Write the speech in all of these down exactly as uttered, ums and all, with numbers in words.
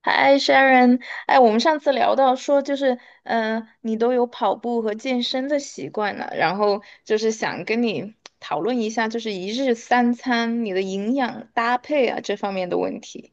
嗨，Sharon，哎，我们上次聊到说，就是，嗯、你都有跑步和健身的习惯了，然后就是想跟你讨论一下，就是一日三餐你的营养搭配啊这方面的问题。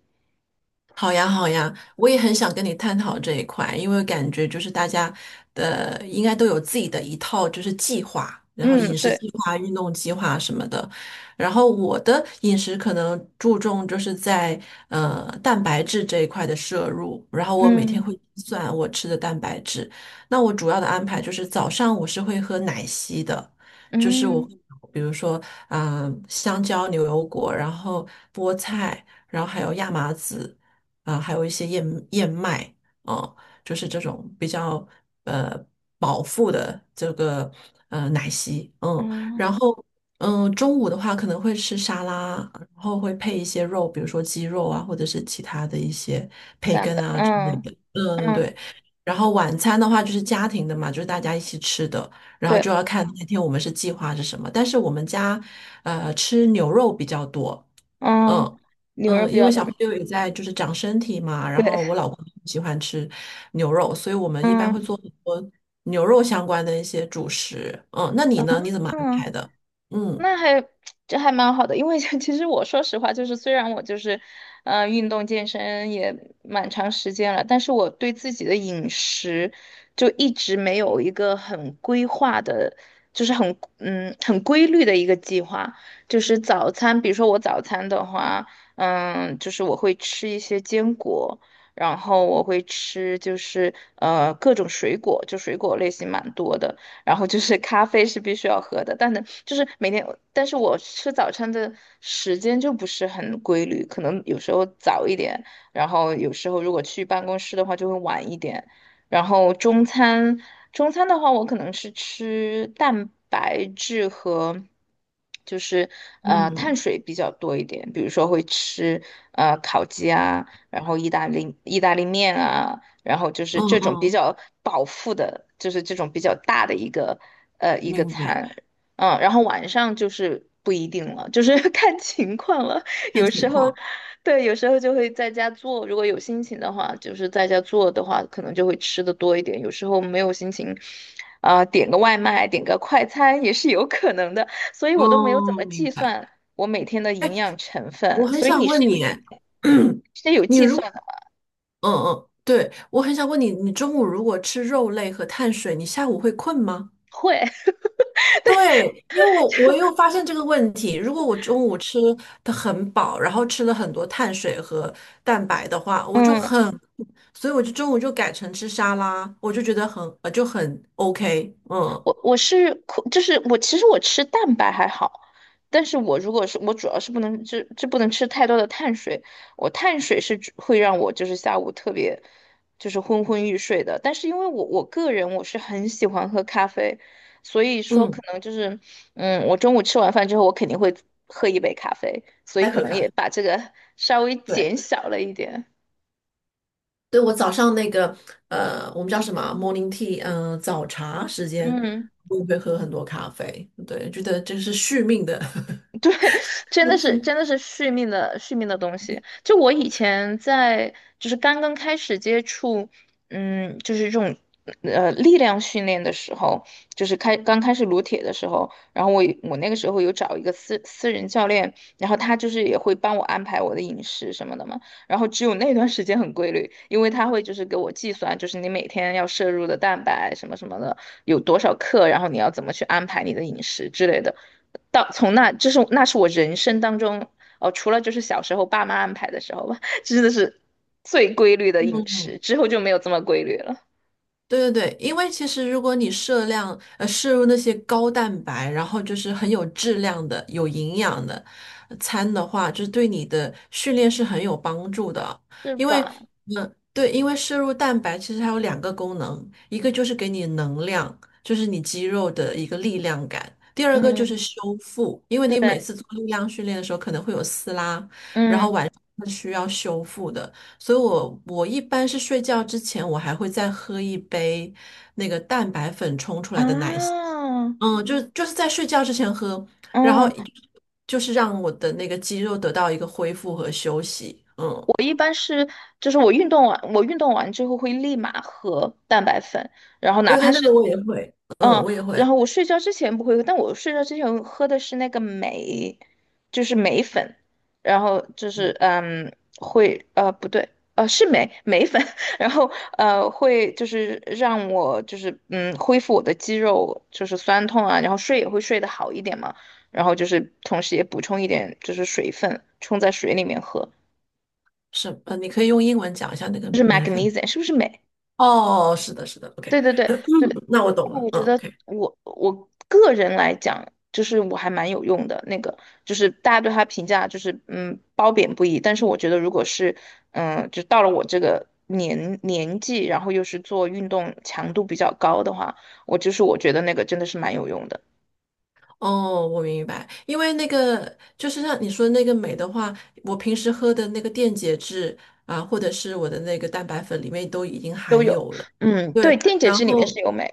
好呀，好呀，我也很想跟你探讨这一块，因为感觉就是大家的应该都有自己的一套就是计划，然后嗯。饮食对。计划、运动计划什么的。然后我的饮食可能注重就是在呃蛋白质这一块的摄入，然后我每天会嗯计算我吃的蛋白质。那我主要的安排就是早上我是会喝奶昔的，就是我嗯比如说嗯、呃香蕉、牛油果，然后菠菜，然后还有亚麻籽。啊、还有一些燕燕麦啊，就是这种比较呃饱腹的这个呃奶昔，嗯，嗯。然后嗯、中午的话可能会吃沙拉，然后会配一些肉，比如说鸡肉啊，或者是其他的一些培蛋根白。啊之类嗯的，嗯，嗯。对。然后晚餐的话就是家庭的嘛，就是大家一起吃的，然后对。就要看那天我们是计划是什么。但是我们家，呃，吃牛肉比较多，嗯。嗯，牛肉嗯，比因较为多。小朋友也在就是长身体嘛，然对。后我老公喜欢吃牛肉，所以我们一般会嗯做很多牛肉相关的一些主食。嗯，那你呢？你怎么安嗯。排的？嗯那还 这还蛮好的，因为 其实我说实话，就是虽然我就是，呃，运动健身也蛮长时间了，但是我对自己的饮食就一直没有一个很规划的，就是很嗯很规律的一个计划。就是早餐，比如说我早餐的话，嗯，就是我会吃一些坚果，然后我会吃就是呃各种水果，就水果类型蛮多的。然后就是咖啡是必须要喝的，但呢，就是每天，但是我吃早餐的时间就不是很规律，可能有时候早一点，然后有时候如果去办公室的话就会晚一点，然后中餐，中餐的话我可能是吃蛋白质和，就是呃碳嗯水比较多一点，比如说会吃呃烤鸡啊，然后意大利意大利面啊，然后就是嗯这种比嗯，较饱腹的，就是这种比较大的一个呃一个明白，餐，嗯，然后晚上就是不一定了，就是 看情况了。看有时情候，况。对，有时候就会在家做，如果有心情的话，就是在家做的话，可能就会吃的多一点。有时候没有心情，啊、点个外卖，点个快餐也是有可能的。所以我都没有怎哦，么明计白。算我每天的营养成我分，很所以想你是问有你，哎 嗯是有计算的。嗯，对，我很想问你，你中午如果吃肉类和碳水，你下午会困吗？会。对，因为我我又发现这个问题，如果我中午吃的很饱，然后吃了很多碳水和蛋白的话，我就嗯。很，所以我就中午就改成吃沙拉，我就觉得很呃就很 OK，嗯我我是苦就是我其实我吃蛋白还好，但是我如果是我主要是不能就就不能吃太多的碳水，我碳水是只会让我就是下午特别就是昏昏欲睡的，但是因为我我个人我是很喜欢喝咖啡，所以说可嗯，能就是嗯，我中午吃完饭之后我肯定会喝一杯咖啡，所以爱可喝能咖也啡。把这个 稍微对，减小了一点。对，我早上那个呃，我们叫什么啊 morning tea，嗯、早茶时间，嗯。我会喝很多咖啡。对，觉得这是续命的 对，真的东是西。真的 是续命的续命的东西。就我以前在就是刚刚开始接触，嗯，就是这种呃力量训练的时候，就是开刚开始撸铁的时候，然后我我那个时候有找一个私私人教练，然后他就是也会帮我安排我的饮食什么的嘛。然后只有那段时间很规律，因为他会就是给我计算，就是你每天要摄入的蛋白什么什么的有多少克，然后你要怎么去安排你的饮食之类的。到从那，这是那是我人生当中，哦，除了就是小时候爸妈安排的时候吧，真的是最规律的饮食，之后就没有这么规律了，对对对，因为其实如果你摄量呃摄入那些高蛋白，然后就是很有质量的、有营养的呃餐的话，就是对你的训练是很有帮助的。是因为吧？嗯，对，因为摄入蛋白其实它有两个功能，一个就是给你能量，就是你肌肉的一个力量感；第二个就嗯。是修复，因为对。你每次做力量训练的时候可能会有撕拉，嗯是需要修复的，所以我我一般是睡觉之前，我还会再喝一杯那个蛋白粉冲出来的奶昔，啊。嗯，就是就是在睡觉之前喝，然后嗯。就是让我的那个肌肉得到一个恢复和休息，嗯，我一般是就是我运动完，我运动完之后会立马喝蛋白粉，然后哪对怕对，是那个我也会，嗯，嗯，我也然会，后我睡觉之前不会喝，但我睡觉之前喝的是那个镁，就是镁粉，然后就是嗯会呃不对呃是镁镁粉，然后呃会就是让我就是嗯恢复我的肌肉就是酸痛啊，然后睡也会睡得好一点嘛，然后就是同时也补充一点就是水分，冲在水里面喝，是，呃，你可以用英文讲一下那个就是 眉粉，magnesium 是不是镁？哦，是的，是的，OK，对对对对。那我懂那了，我嗯觉得，OK。我我个人来讲，就是我还蛮有用的。那个就是大家对他评价就是嗯褒贬不一，但是我觉得如果是嗯就到了我这个年年纪，然后又是做运动强度比较高的话，我就是我觉得那个真的是蛮有用的。哦，我明白，因为那个就是像你说那个镁的话，我平时喝的那个电解质啊，或者是我的那个蛋白粉里面都已经都含有。有了。嗯，对，对，电解然质里面后是有镁。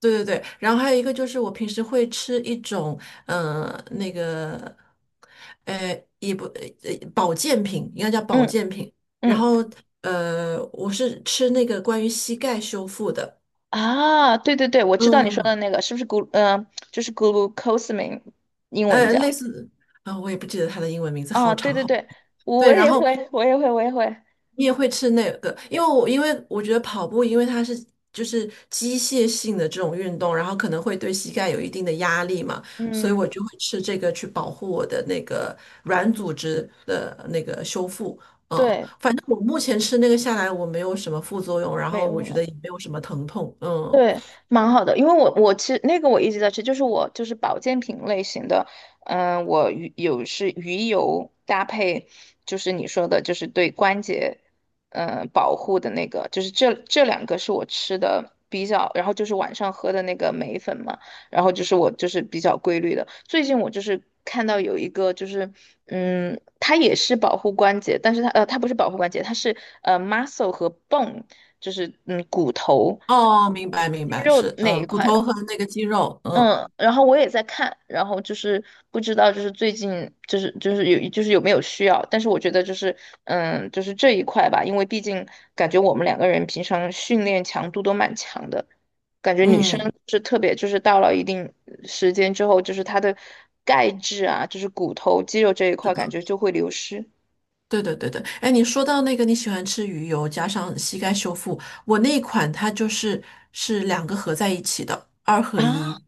对对对，然后还有一个就是我平时会吃一种呃那个，呃也不呃保健品，应该叫保嗯健品。然嗯后呃我是吃那个关于膝盖修复的，啊。对对对，我知道你说的嗯，那个是不是 g 嗯、呃就是 glucosamine 英文呃叫？类似啊、我也不记得它的英文名字，好啊，对长对好长。对，对，我然也后会，我也会，我也会。你也会吃那个，因为我因为我觉得跑步，因为它是就是机械性的这种运动，然后可能会对膝盖有一定的压力嘛，所以我嗯，就会吃这个去保护我的那个软组织的那个修复。嗯，对。反正我目前吃那个下来，我没有什么副作用，然没后有我什觉么。得也没有什么疼痛。嗯，对，蛮好的，因为我我其实那个我一直在吃，就是我就是保健品类型的，嗯、我鱼有是鱼油搭配，就是你说的，就是对关节，嗯、保护的那个，就是这这两个是我吃的比较，然后就是晚上喝的那个镁粉嘛，然后就是我就是比较规律的，最近我就是看到有一个就是，嗯，它也是保护关节，但是它呃它不是保护关节，它是呃 muscle 和 bone。就是嗯骨头、哦，明白明肌白，肉是，那一嗯，骨块的。头和那个肌肉，嗯嗯，然后我也在看，然后就是不知道就是最近就是就是有就是有没有需要，但是我觉得就是嗯就是这一块吧，因为毕竟感觉我们两个人平常训练强度都蛮强的，嗯。是特别就是到了一定时间之后，就是它的钙质啊，就是骨头肌肉这一块感觉就会流失。对对对对，哎，你说到那个你喜欢吃鱼油加上膝盖修复，我那一款它就是是两个合在一起的，二合啊，一，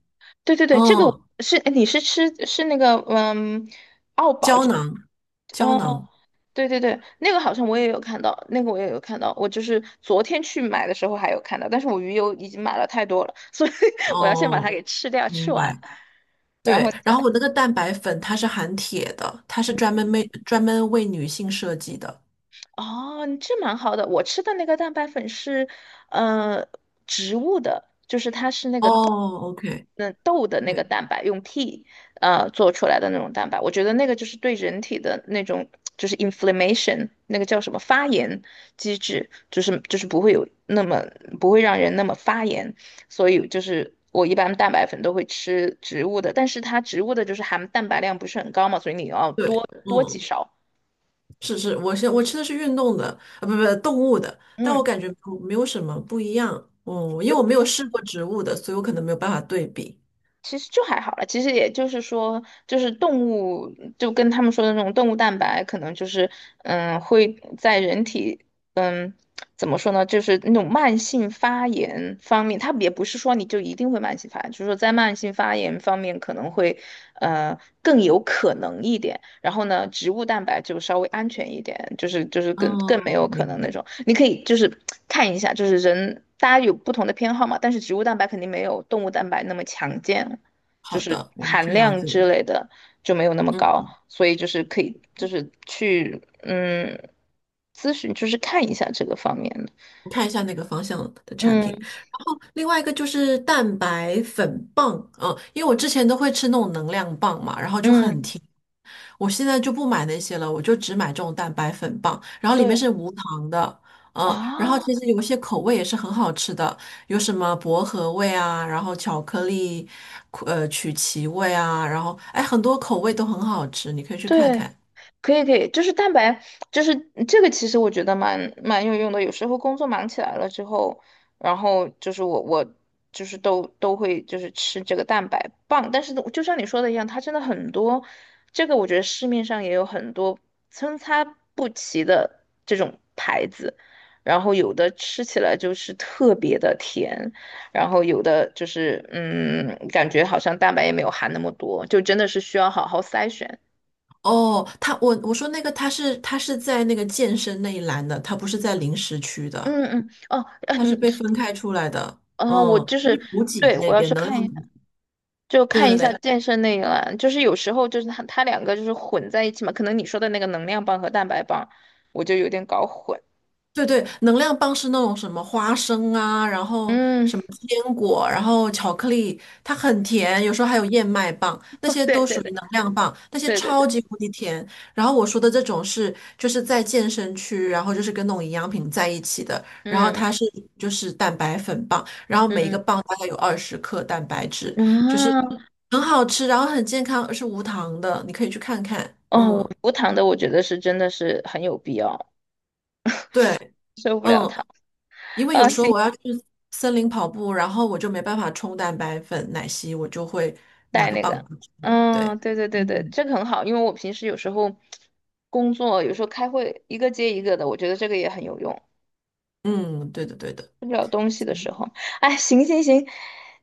对对对，这个我嗯，是，哎你是吃是那个，嗯，胶囊，胶呃囊，对对对，那个好像我也有看到，那个我也有看到，我就是昨天去买的时候还有看到，但是我鱼油已经买了太多了，所以 我要先把它哦，给吃掉，吃明完，白。然后对，然后再，我那个蛋白粉它是含铁的，它是专门为专门为女性设计的。哦，这蛮好的。我吃的那个蛋白粉是，呃，植物的，哦，OK，那豆的那个对蛋白用 T 呃做出来的那种蛋白，我觉得那个就是对人体的那种就是 inflammation 那个叫什么发炎机制，就是就是不会有那么不会让人那么发炎，所以就是我一般蛋白粉都会吃植物的，但是它植物的就是含蛋白量不是很高嘛，所以你要多对，多几嗯勺。是是，我是我吃的是运动的，啊不不动物的，但我嗯。感觉不没有什么不一样，嗯，因为我没有试过植物的，所以我可能没有办法对比。其实就还好了，其实也就是说，就是动物就跟他们说的那种动物蛋白，可能就是嗯会在人体嗯怎么说呢，就是那种慢性发炎方面，它也不是说你就一定会慢性发炎，就是说在慢性发炎方面可能会呃更有可能一点。然后呢，植物蛋白就稍微安全一点，就是就是更更没哦，有可明能白。那种。你可以就是看一下，就是人大家有不同的偏好嘛，但是植物蛋白肯定没有动物蛋白那么强健。就好是的，我们去含了量解一之下。类的就没有那么高，嗯，所以就是可以就是去嗯咨询，就是看一下这个方面的。看一下那个方向的产品，嗯然后另外一个就是蛋白粉棒，嗯，因为我之前都会吃那种能量棒嘛，然后就很嗯。甜。我现在就不买那些了，我就只买这种蛋白粉棒，然后里面对是无糖的，嗯，然后啊。其实有一些口味也是很好吃的，有什么薄荷味啊，然后巧克力，呃，曲奇味啊，然后哎，很多口味都很好吃，你可以去看对。看。可以可以，就是蛋白，就是这个，其实我觉得蛮蛮有用的。有时候工作忙起来了之后，然后就是我我就是都都会就是吃这个蛋白棒，但是就像你说的一样，它真的很多，这个我觉得市面上也有很多参差不齐的这种牌子，然后有的吃起来就是特别的甜，然后有的就是嗯，感觉好像蛋白也没有含那么多，就真的是需要好好筛选。哦，他我我说那个他是他是在那个健身那一栏的，他不是在零食区的，嗯嗯。哦。啊他是你。被分开出来的，啊，我嗯，就就是是。补给对，那我要边去能看一量下，补。就对看对一下对，健身那一栏，就是有时候就是它它两个就是混在一起嘛，可能你说的那个能量棒和蛋白棒，我就有点搞混。对对，能量棒是那种什么花生啊，然后嗯。什么坚果，然后巧克力，它很甜，有时候还有燕麦棒，那 些对都对属对于能量棒，那些对对对。超级无敌甜。然后我说的这种是就是在健身区，然后就是跟那种营养品在一起的，然后嗯它是就是蛋白粉棒，然后每一嗯个棒大概有二十克蛋白质，就是啊。很好吃，然后很健康，是无糖的，你可以去看看。哦。我嗯，无糖的我觉得是真的是很有必要，对。受不了嗯。糖因为有啊，时候行，我要去森林跑步，然后我就没办法冲蛋白粉、奶昔，我就会拿带个那个，棒子吃。对，嗯。对对对对，嗯，这个很好，因为我平时有时候工作有时候开会一个接一个的，我觉得这个也很有用。嗯，对的，对的。吃不了东西的时候。哎，行行行，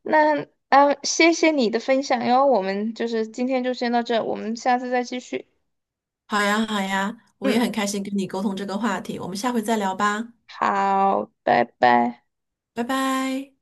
那啊，谢谢你的分享哟。我们就是今天就先到这，我们下次再继续。好呀，好呀，我也嗯。很开心跟你沟通这个话题，我们下回再聊吧，好，拜拜。拜拜。